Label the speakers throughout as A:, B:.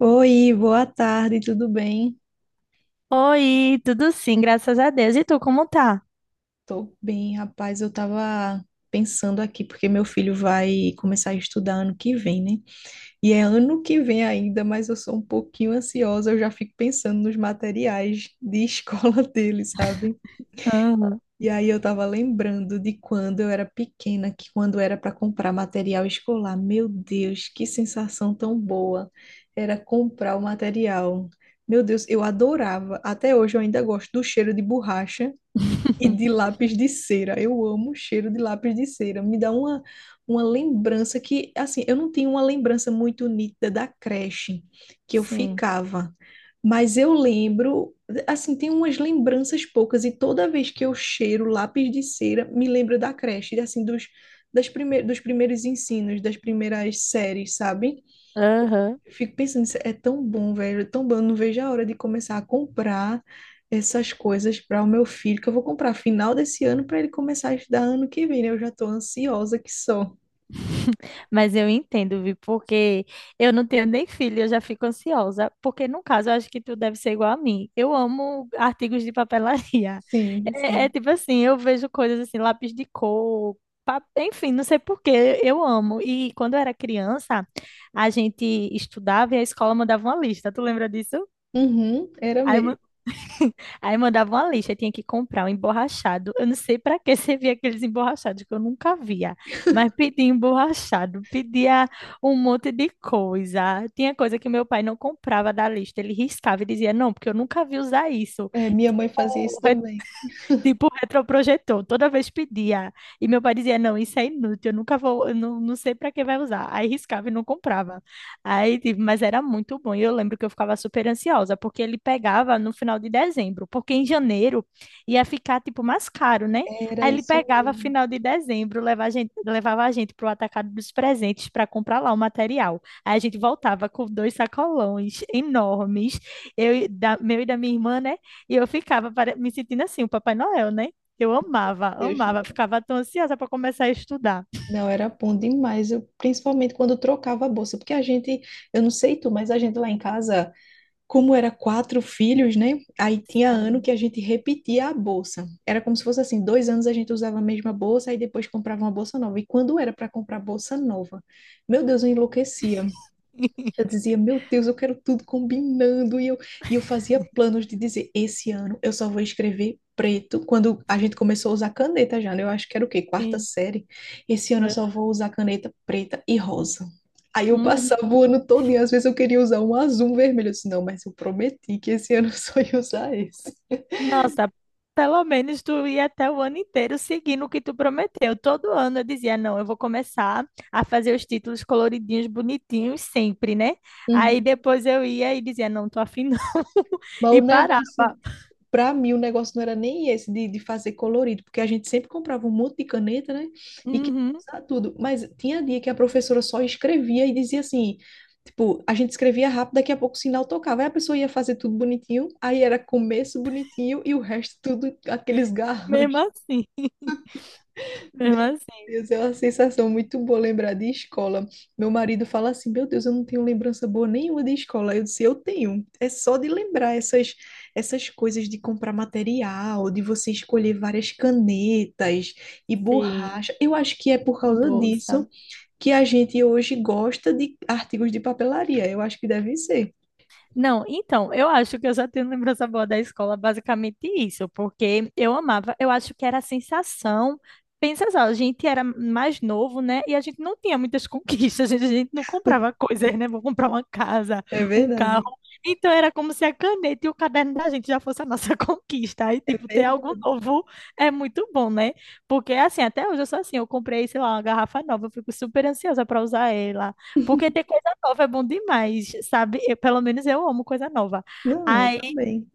A: Oi, boa tarde, tudo bem?
B: Oi, tudo sim, graças a Deus. E tu, como tá?
A: Tô bem, rapaz. Eu tava pensando aqui, porque meu filho vai começar a estudar ano que vem, né? E é ano que vem ainda, mas eu sou um pouquinho ansiosa, eu já fico pensando nos materiais de escola dele, sabe?
B: Aham.
A: E aí eu tava lembrando de quando eu era pequena, que quando era para comprar material escolar, meu Deus, que sensação tão boa era comprar o material. Meu Deus, eu adorava. Até hoje eu ainda gosto do cheiro de borracha e de lápis de cera. Eu amo o cheiro de lápis de cera. Me dá uma lembrança que, assim, eu não tenho uma lembrança muito nítida da creche que eu
B: Sim.
A: ficava. Mas eu lembro, assim, tem umas lembranças poucas. E toda vez que eu cheiro lápis de cera, me lembro da creche, assim, dos, das prime dos primeiros ensinos, das primeiras séries, sabe?
B: Aham.
A: Eu fico pensando, isso é tão bom, velho, é tão bom. Eu não vejo a hora de começar a comprar essas coisas para o meu filho, que eu vou comprar final desse ano para ele começar a estudar ano que vem, né? Eu já tô ansiosa que só.
B: Mas eu entendo, Vi, porque eu não tenho nem filho, eu já fico ansiosa. Porque, no caso, eu acho que tu deve ser igual a mim. Eu amo artigos de papelaria.
A: Sim,
B: É, é
A: sim.
B: tipo assim, eu vejo coisas assim, lápis de cor, enfim, não sei por quê, eu amo. E quando eu era criança, a gente estudava e a escola mandava uma lista. Tu lembra disso?
A: Uhum, era mesmo.
B: Aí mandava uma lista, tinha que comprar um emborrachado. Eu não sei para que servia aqueles emborrachados que eu nunca via, mas pedia emborrachado, pedia um monte de coisa. Tinha coisa que meu pai não comprava da lista, ele riscava e dizia: Não, porque eu nunca vi usar isso.
A: É, minha mãe fazia isso também.
B: Tipo retroprojetor. Toda vez pedia. E meu pai dizia, não, isso é inútil, eu nunca vou, eu não, não sei para que vai usar. Aí riscava e não comprava. Aí, tipo, mas era muito bom. E eu lembro que eu ficava super ansiosa, porque ele pegava no final de dezembro, porque em janeiro ia ficar, tipo, mais caro, né?
A: Era
B: Aí ele
A: isso
B: pegava
A: mesmo.
B: final de dezembro, levava a gente pro atacado dos presentes para comprar lá o material. Aí a gente voltava com dois sacolões enormes, meu e da minha irmã, né? E eu ficava me sentindo assim, o Papai Noel, né? Eu amava,
A: Deus,
B: amava,
A: não,
B: ficava tão ansiosa para começar a estudar.
A: não, era bom demais. Eu, principalmente quando eu trocava a bolsa, porque a gente, eu não sei tu, mas a gente lá em casa, como era quatro filhos, né? Aí tinha ano
B: Sim.
A: que a gente repetia a bolsa. Era como se fosse assim, 2 anos a gente usava a mesma bolsa, e depois comprava uma bolsa nova. E quando era para comprar bolsa nova, meu Deus, eu enlouquecia. Eu dizia, meu Deus, eu quero tudo combinando. E eu fazia planos de dizer, esse ano eu só vou escrever preto. Quando a gente começou a usar caneta já, né? Eu acho que era o quê? Quarta
B: Sim,
A: série. Esse ano eu
B: é.
A: só vou usar caneta preta e rosa. Aí eu
B: Uhum.
A: passava o ano todo e às vezes eu queria usar um azul, um vermelho. Eu disse, não, mas eu prometi que esse ano eu só ia usar esse.
B: Nossa, pelo menos tu ia até o ano inteiro seguindo o que tu prometeu. Todo ano eu dizia, não, eu vou começar a fazer os títulos coloridinhos, bonitinhos, sempre, né? Aí
A: Uhum.
B: depois eu ia e dizia, não, tô afim não,
A: Mas o
B: e parava.
A: negócio Para mim, o negócio não era nem esse de, fazer colorido, porque a gente sempre comprava um monte de caneta, né? E queria
B: Uhum.
A: usar tudo. Mas tinha dia que a professora só escrevia e dizia assim: tipo, a gente escrevia rápido, daqui a pouco o sinal tocava. Aí a pessoa ia fazer tudo bonitinho, aí era começo bonitinho e o resto tudo aqueles
B: Mesmo
A: garranchos.
B: assim,
A: Meu
B: mesmo assim.
A: Deus, é uma sensação muito boa lembrar de escola. Meu marido fala assim: Meu Deus, eu não tenho lembrança boa nenhuma de escola. Eu disse: Eu tenho. É só de lembrar essas coisas de comprar material, de você escolher várias canetas e
B: Sim,
A: borracha. Eu acho que é por causa
B: bolsa.
A: disso que a gente hoje gosta de artigos de papelaria. Eu acho que deve ser.
B: Não, então, eu acho que eu já tenho lembrança boa da escola, basicamente isso, porque eu amava, eu acho que era a sensação. Pensa só, a gente era mais novo, né? E a gente não tinha muitas conquistas, a gente não comprava coisas, né? Vou comprar uma casa,
A: É
B: um
A: verdade.
B: carro. Então era como se a caneta e o caderno da gente já fosse a nossa conquista. Aí,
A: É
B: tipo, ter algo
A: verdade.
B: novo é muito bom, né? Porque, assim, até hoje eu sou assim, eu comprei, sei lá, uma garrafa nova, eu fico super ansiosa para usar ela. Porque ter coisa nova é bom demais, sabe? Pelo menos eu amo coisa nova.
A: Não, eu
B: Aí,
A: também.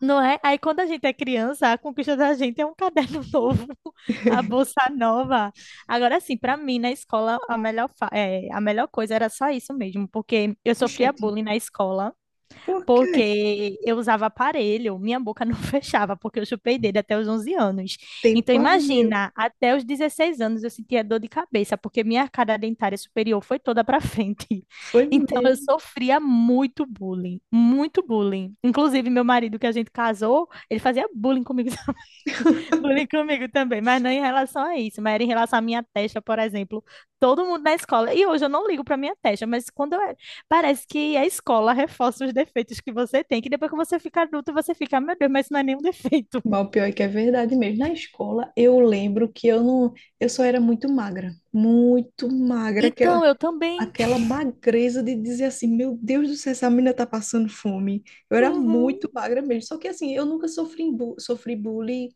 B: não é? Aí quando a gente é criança, a conquista da gente é um caderno novo, a bolsa nova. Agora sim, para mim na escola é, a melhor coisa era só isso mesmo, porque eu sofria
A: Gente,
B: bullying na escola
A: por quê?
B: porque eu usava aparelho, minha boca não fechava, porque eu chupei dele até os 11 anos. Então,
A: Tempo a meu.
B: imagina, até os 16 anos eu sentia dor de cabeça, porque minha arcada dentária superior foi toda para frente.
A: Foi
B: Então, eu
A: mesmo.
B: sofria muito bullying, muito bullying. Inclusive, meu marido, que a gente casou, ele fazia bullying comigo também. Bullying comigo também, mas não em relação a isso, mas era em relação à minha testa, por exemplo. Todo mundo na escola. E hoje eu não ligo para minha testa, mas quando eu... Parece que a escola reforça os defeitos que você tem, que depois que você fica adulto, você fica, "Ah, meu Deus, mas isso não é nenhum defeito."
A: Mas o pior é que é verdade mesmo. Na escola, eu lembro que eu não, eu só era muito magra, aquela
B: Então, eu também.
A: aquela magreza de dizer assim, meu Deus do céu, essa menina tá passando fome. Eu era muito
B: Uhum,
A: magra mesmo. Só que assim, eu nunca sofri bullying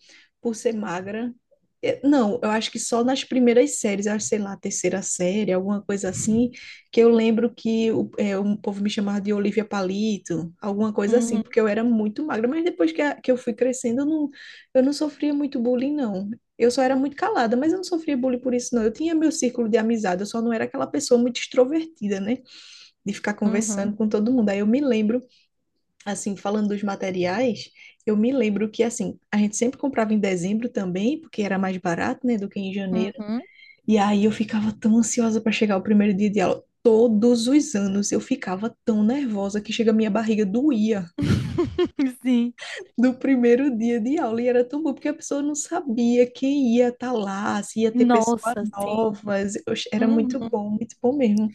A: por ser magra. Não, eu acho que só nas primeiras séries, eu acho, sei lá, terceira série, alguma coisa assim, que eu lembro que um povo me chamava de Olivia Palito, alguma coisa assim,
B: uhum,
A: porque eu era muito magra, mas depois que eu fui crescendo, eu não sofria muito bullying, não. Eu só era muito calada, mas eu não sofria bullying por isso, não. Eu tinha meu círculo de amizade, eu só não era aquela pessoa muito extrovertida, né? De ficar
B: uhum,
A: conversando com todo mundo. Aí eu me lembro, assim, falando dos materiais, eu me lembro que, assim, a gente sempre comprava em dezembro também, porque era mais barato, né, do que em janeiro.
B: uhum.
A: E aí eu ficava tão ansiosa para chegar o primeiro dia de aula. Todos os anos eu ficava tão nervosa que chega a minha barriga doía.
B: Sim.
A: Do primeiro dia de aula. E era tão bom, porque a pessoa não sabia quem ia estar lá, se ia ter pessoas
B: Nossa, sim.
A: novas. Oxe, era
B: Uhum.
A: muito bom mesmo.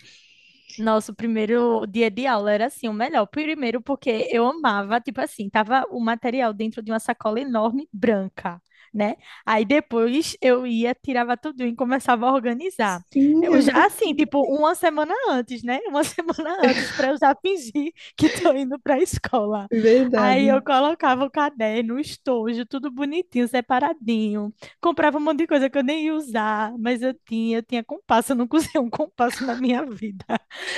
B: Nosso primeiro dia de aula era assim, o melhor. Primeiro porque eu amava, tipo assim, tava o material dentro de uma sacola enorme branca, né? Aí depois eu ia, tirava tudo e começava a organizar.
A: Sim,
B: Eu
A: é
B: já
A: ver-
B: assim, tipo, uma semana antes, né? Uma semana antes para eu já fingir que tô indo para a escola. Aí
A: verdade.
B: eu colocava o caderno, o estojo, tudo bonitinho, separadinho. Comprava um monte de coisa que eu nem ia usar, mas eu tinha compasso, eu nunca usei um compasso na minha vida.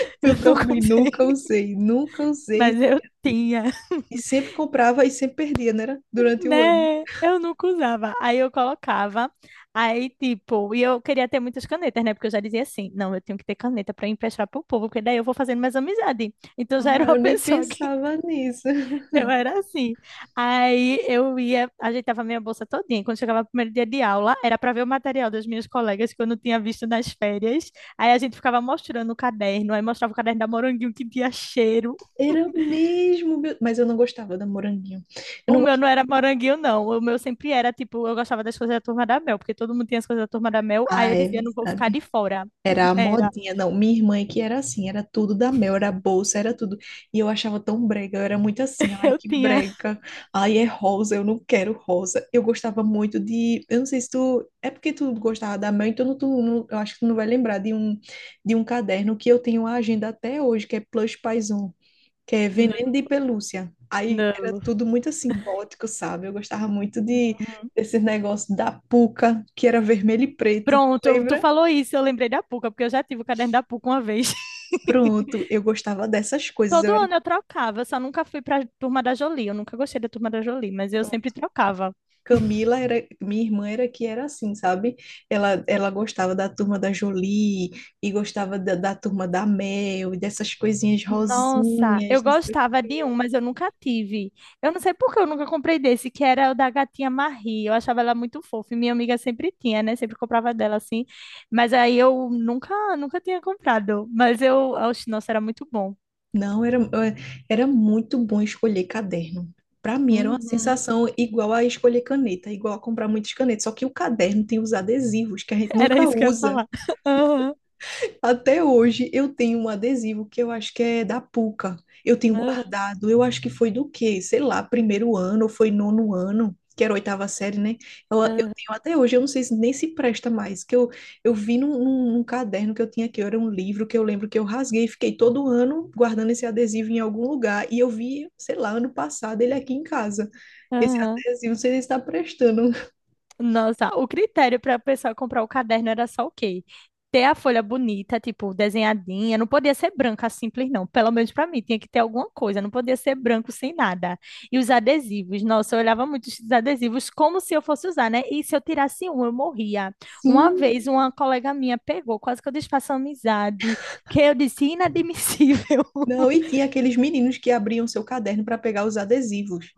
B: Eu
A: Eu
B: nunca
A: também
B: usei,
A: nunca usei, nunca usei.
B: mas eu tinha,
A: E sempre comprava e sempre perdia, né? Era? Durante o ano.
B: né? Eu nunca usava. Aí eu colocava, aí tipo, e eu queria ter muitas canetas, né? Porque eu já dizia assim: não, eu tenho que ter caneta para emprestar pro povo, porque daí eu vou fazendo mais amizade. Então já era
A: Ah,
B: uma
A: eu nem
B: pessoa que
A: pensava nisso.
B: eu era assim. Aí eu ia, ajeitava minha bolsa todinha. Quando chegava o primeiro dia de aula, era para ver o material das minhas colegas que eu não tinha visto nas férias. Aí a gente ficava mostrando o caderno, aí mostrava o caderno da Moranguinho que tinha cheiro.
A: Era mesmo, mas eu não gostava da moranguinho. Eu
B: O
A: não
B: meu não
A: gostava.
B: era moranguinho, não. O meu sempre era, tipo, eu gostava das coisas da Turma da Mel, porque todo mundo tinha as coisas da Turma da Mel. Aí
A: Ah,
B: eu
A: é
B: dizia, não vou ficar de
A: verdade.
B: fora.
A: Era a
B: Era.
A: modinha, não. Minha irmã é que era assim, era tudo da Mel, era bolsa, era tudo. E eu achava tão brega, eu era muito assim, ai
B: Eu
A: que
B: tinha.
A: brega, ai é rosa, eu não quero rosa. Eu gostava muito eu não sei se tu, é porque tu gostava da Mel, então tu, não, eu acho que tu não vai lembrar de um, caderno que eu tenho a agenda até hoje, que é Plush Paison, que é
B: Não,
A: Veneno de Pelúcia. Aí era
B: não.
A: tudo muito assim, gótico, sabe? Eu gostava muito
B: Uhum.
A: desse negócio da Puca, que era vermelho e preto, tu
B: Pronto, tu
A: lembra?
B: falou isso, eu lembrei da Puca, porque eu já tive o caderno da Puca uma vez.
A: Pronto, eu gostava dessas coisas, eu
B: Todo
A: era
B: ano eu trocava, eu só nunca fui pra Turma da Jolie. Eu nunca gostei da Turma da Jolie, mas eu sempre
A: pronto.
B: trocava.
A: Camila era, minha irmã era que era assim, sabe? Ela gostava da turma da Jolie e gostava da turma da Mel e dessas coisinhas
B: Nossa,
A: rosinhas,
B: eu
A: não sei.
B: gostava de um, mas eu nunca tive. Eu não sei por que eu nunca comprei desse, que era o da gatinha Marie. Eu achava ela muito fofa, e minha amiga sempre tinha, né? Sempre comprava dela assim. Mas aí eu nunca tinha comprado. Mas eu, oxe, nossa, era muito bom.
A: Não, era muito bom escolher caderno. Para mim era uma
B: Uhum.
A: sensação igual a escolher caneta, igual a comprar muitas canetas, só que o caderno tem os adesivos que a gente
B: Era
A: nunca
B: isso que eu ia
A: usa.
B: falar. Aham,
A: Até hoje eu tenho um adesivo que eu acho que é da Puca. Eu tenho
B: aham,
A: guardado, eu acho que foi do quê? Sei lá, primeiro ano, ou foi nono ano, que era a oitava série, né? Eu
B: aham,
A: tenho até hoje, eu não sei se nem se presta mais, que eu vi num caderno que eu tinha aqui, era um livro que eu lembro que eu rasguei, e fiquei todo ano guardando esse adesivo em algum lugar, e eu vi, sei lá, ano passado ele aqui em casa. Esse
B: aham.
A: adesivo, não sei se está prestando.
B: Nossa, o critério para a pessoa comprar o caderno era só o quê? Ter a folha bonita, tipo, desenhadinha, não podia ser branca simples, não. Pelo menos para mim, tinha que ter alguma coisa, não podia ser branco sem nada. E os adesivos, nossa, eu olhava muito os adesivos como se eu fosse usar, né? E se eu tirasse um, eu morria. Uma
A: Sim,
B: vez, uma colega minha pegou, quase que eu desfaço a amizade, porque eu disse: inadmissível.
A: não, e tinha aqueles meninos que abriam seu caderno para pegar os adesivos.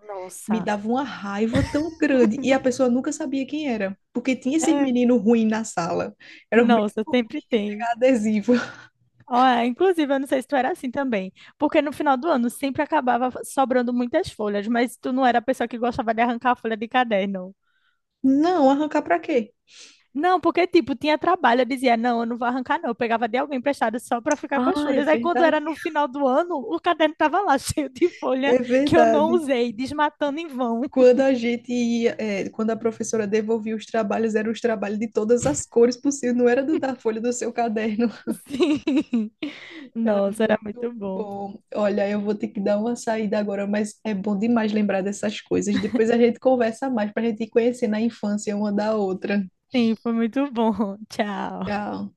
A: Me
B: Nossa,
A: dava uma raiva tão grande. E a pessoa nunca sabia quem era, porque tinha esses
B: é,
A: meninos ruins na sala. Eram os meninos
B: nossa, sempre
A: ruins de
B: tem.
A: pegar adesivo.
B: Ó, é, inclusive, eu não sei se tu era assim também, porque no final do ano sempre acabava sobrando muitas folhas, mas tu não era a pessoa que gostava de arrancar a folha de caderno.
A: Não, arrancar para quê?
B: Não, porque, tipo, tinha trabalho, eu dizia, não, eu não vou arrancar, não. Eu pegava de alguém emprestado só para ficar com as
A: Ah, é
B: folhas. Aí, quando
A: verdade.
B: era no final do ano, o caderno tava lá cheio de folha
A: É
B: que eu não
A: verdade.
B: usei, desmatando em vão.
A: Quando a gente ia, quando a professora devolvia os trabalhos, eram os trabalhos de todas as cores possíveis, não era do da folha do seu caderno.
B: Sim.
A: Era
B: Nossa, era
A: muito
B: muito bom.
A: bom. Olha, eu vou ter que dar uma saída agora, mas é bom demais lembrar dessas coisas. Depois a gente conversa mais para a gente ir conhecendo a infância uma da outra.
B: Sim, foi muito bom. Tchau.
A: Tchau.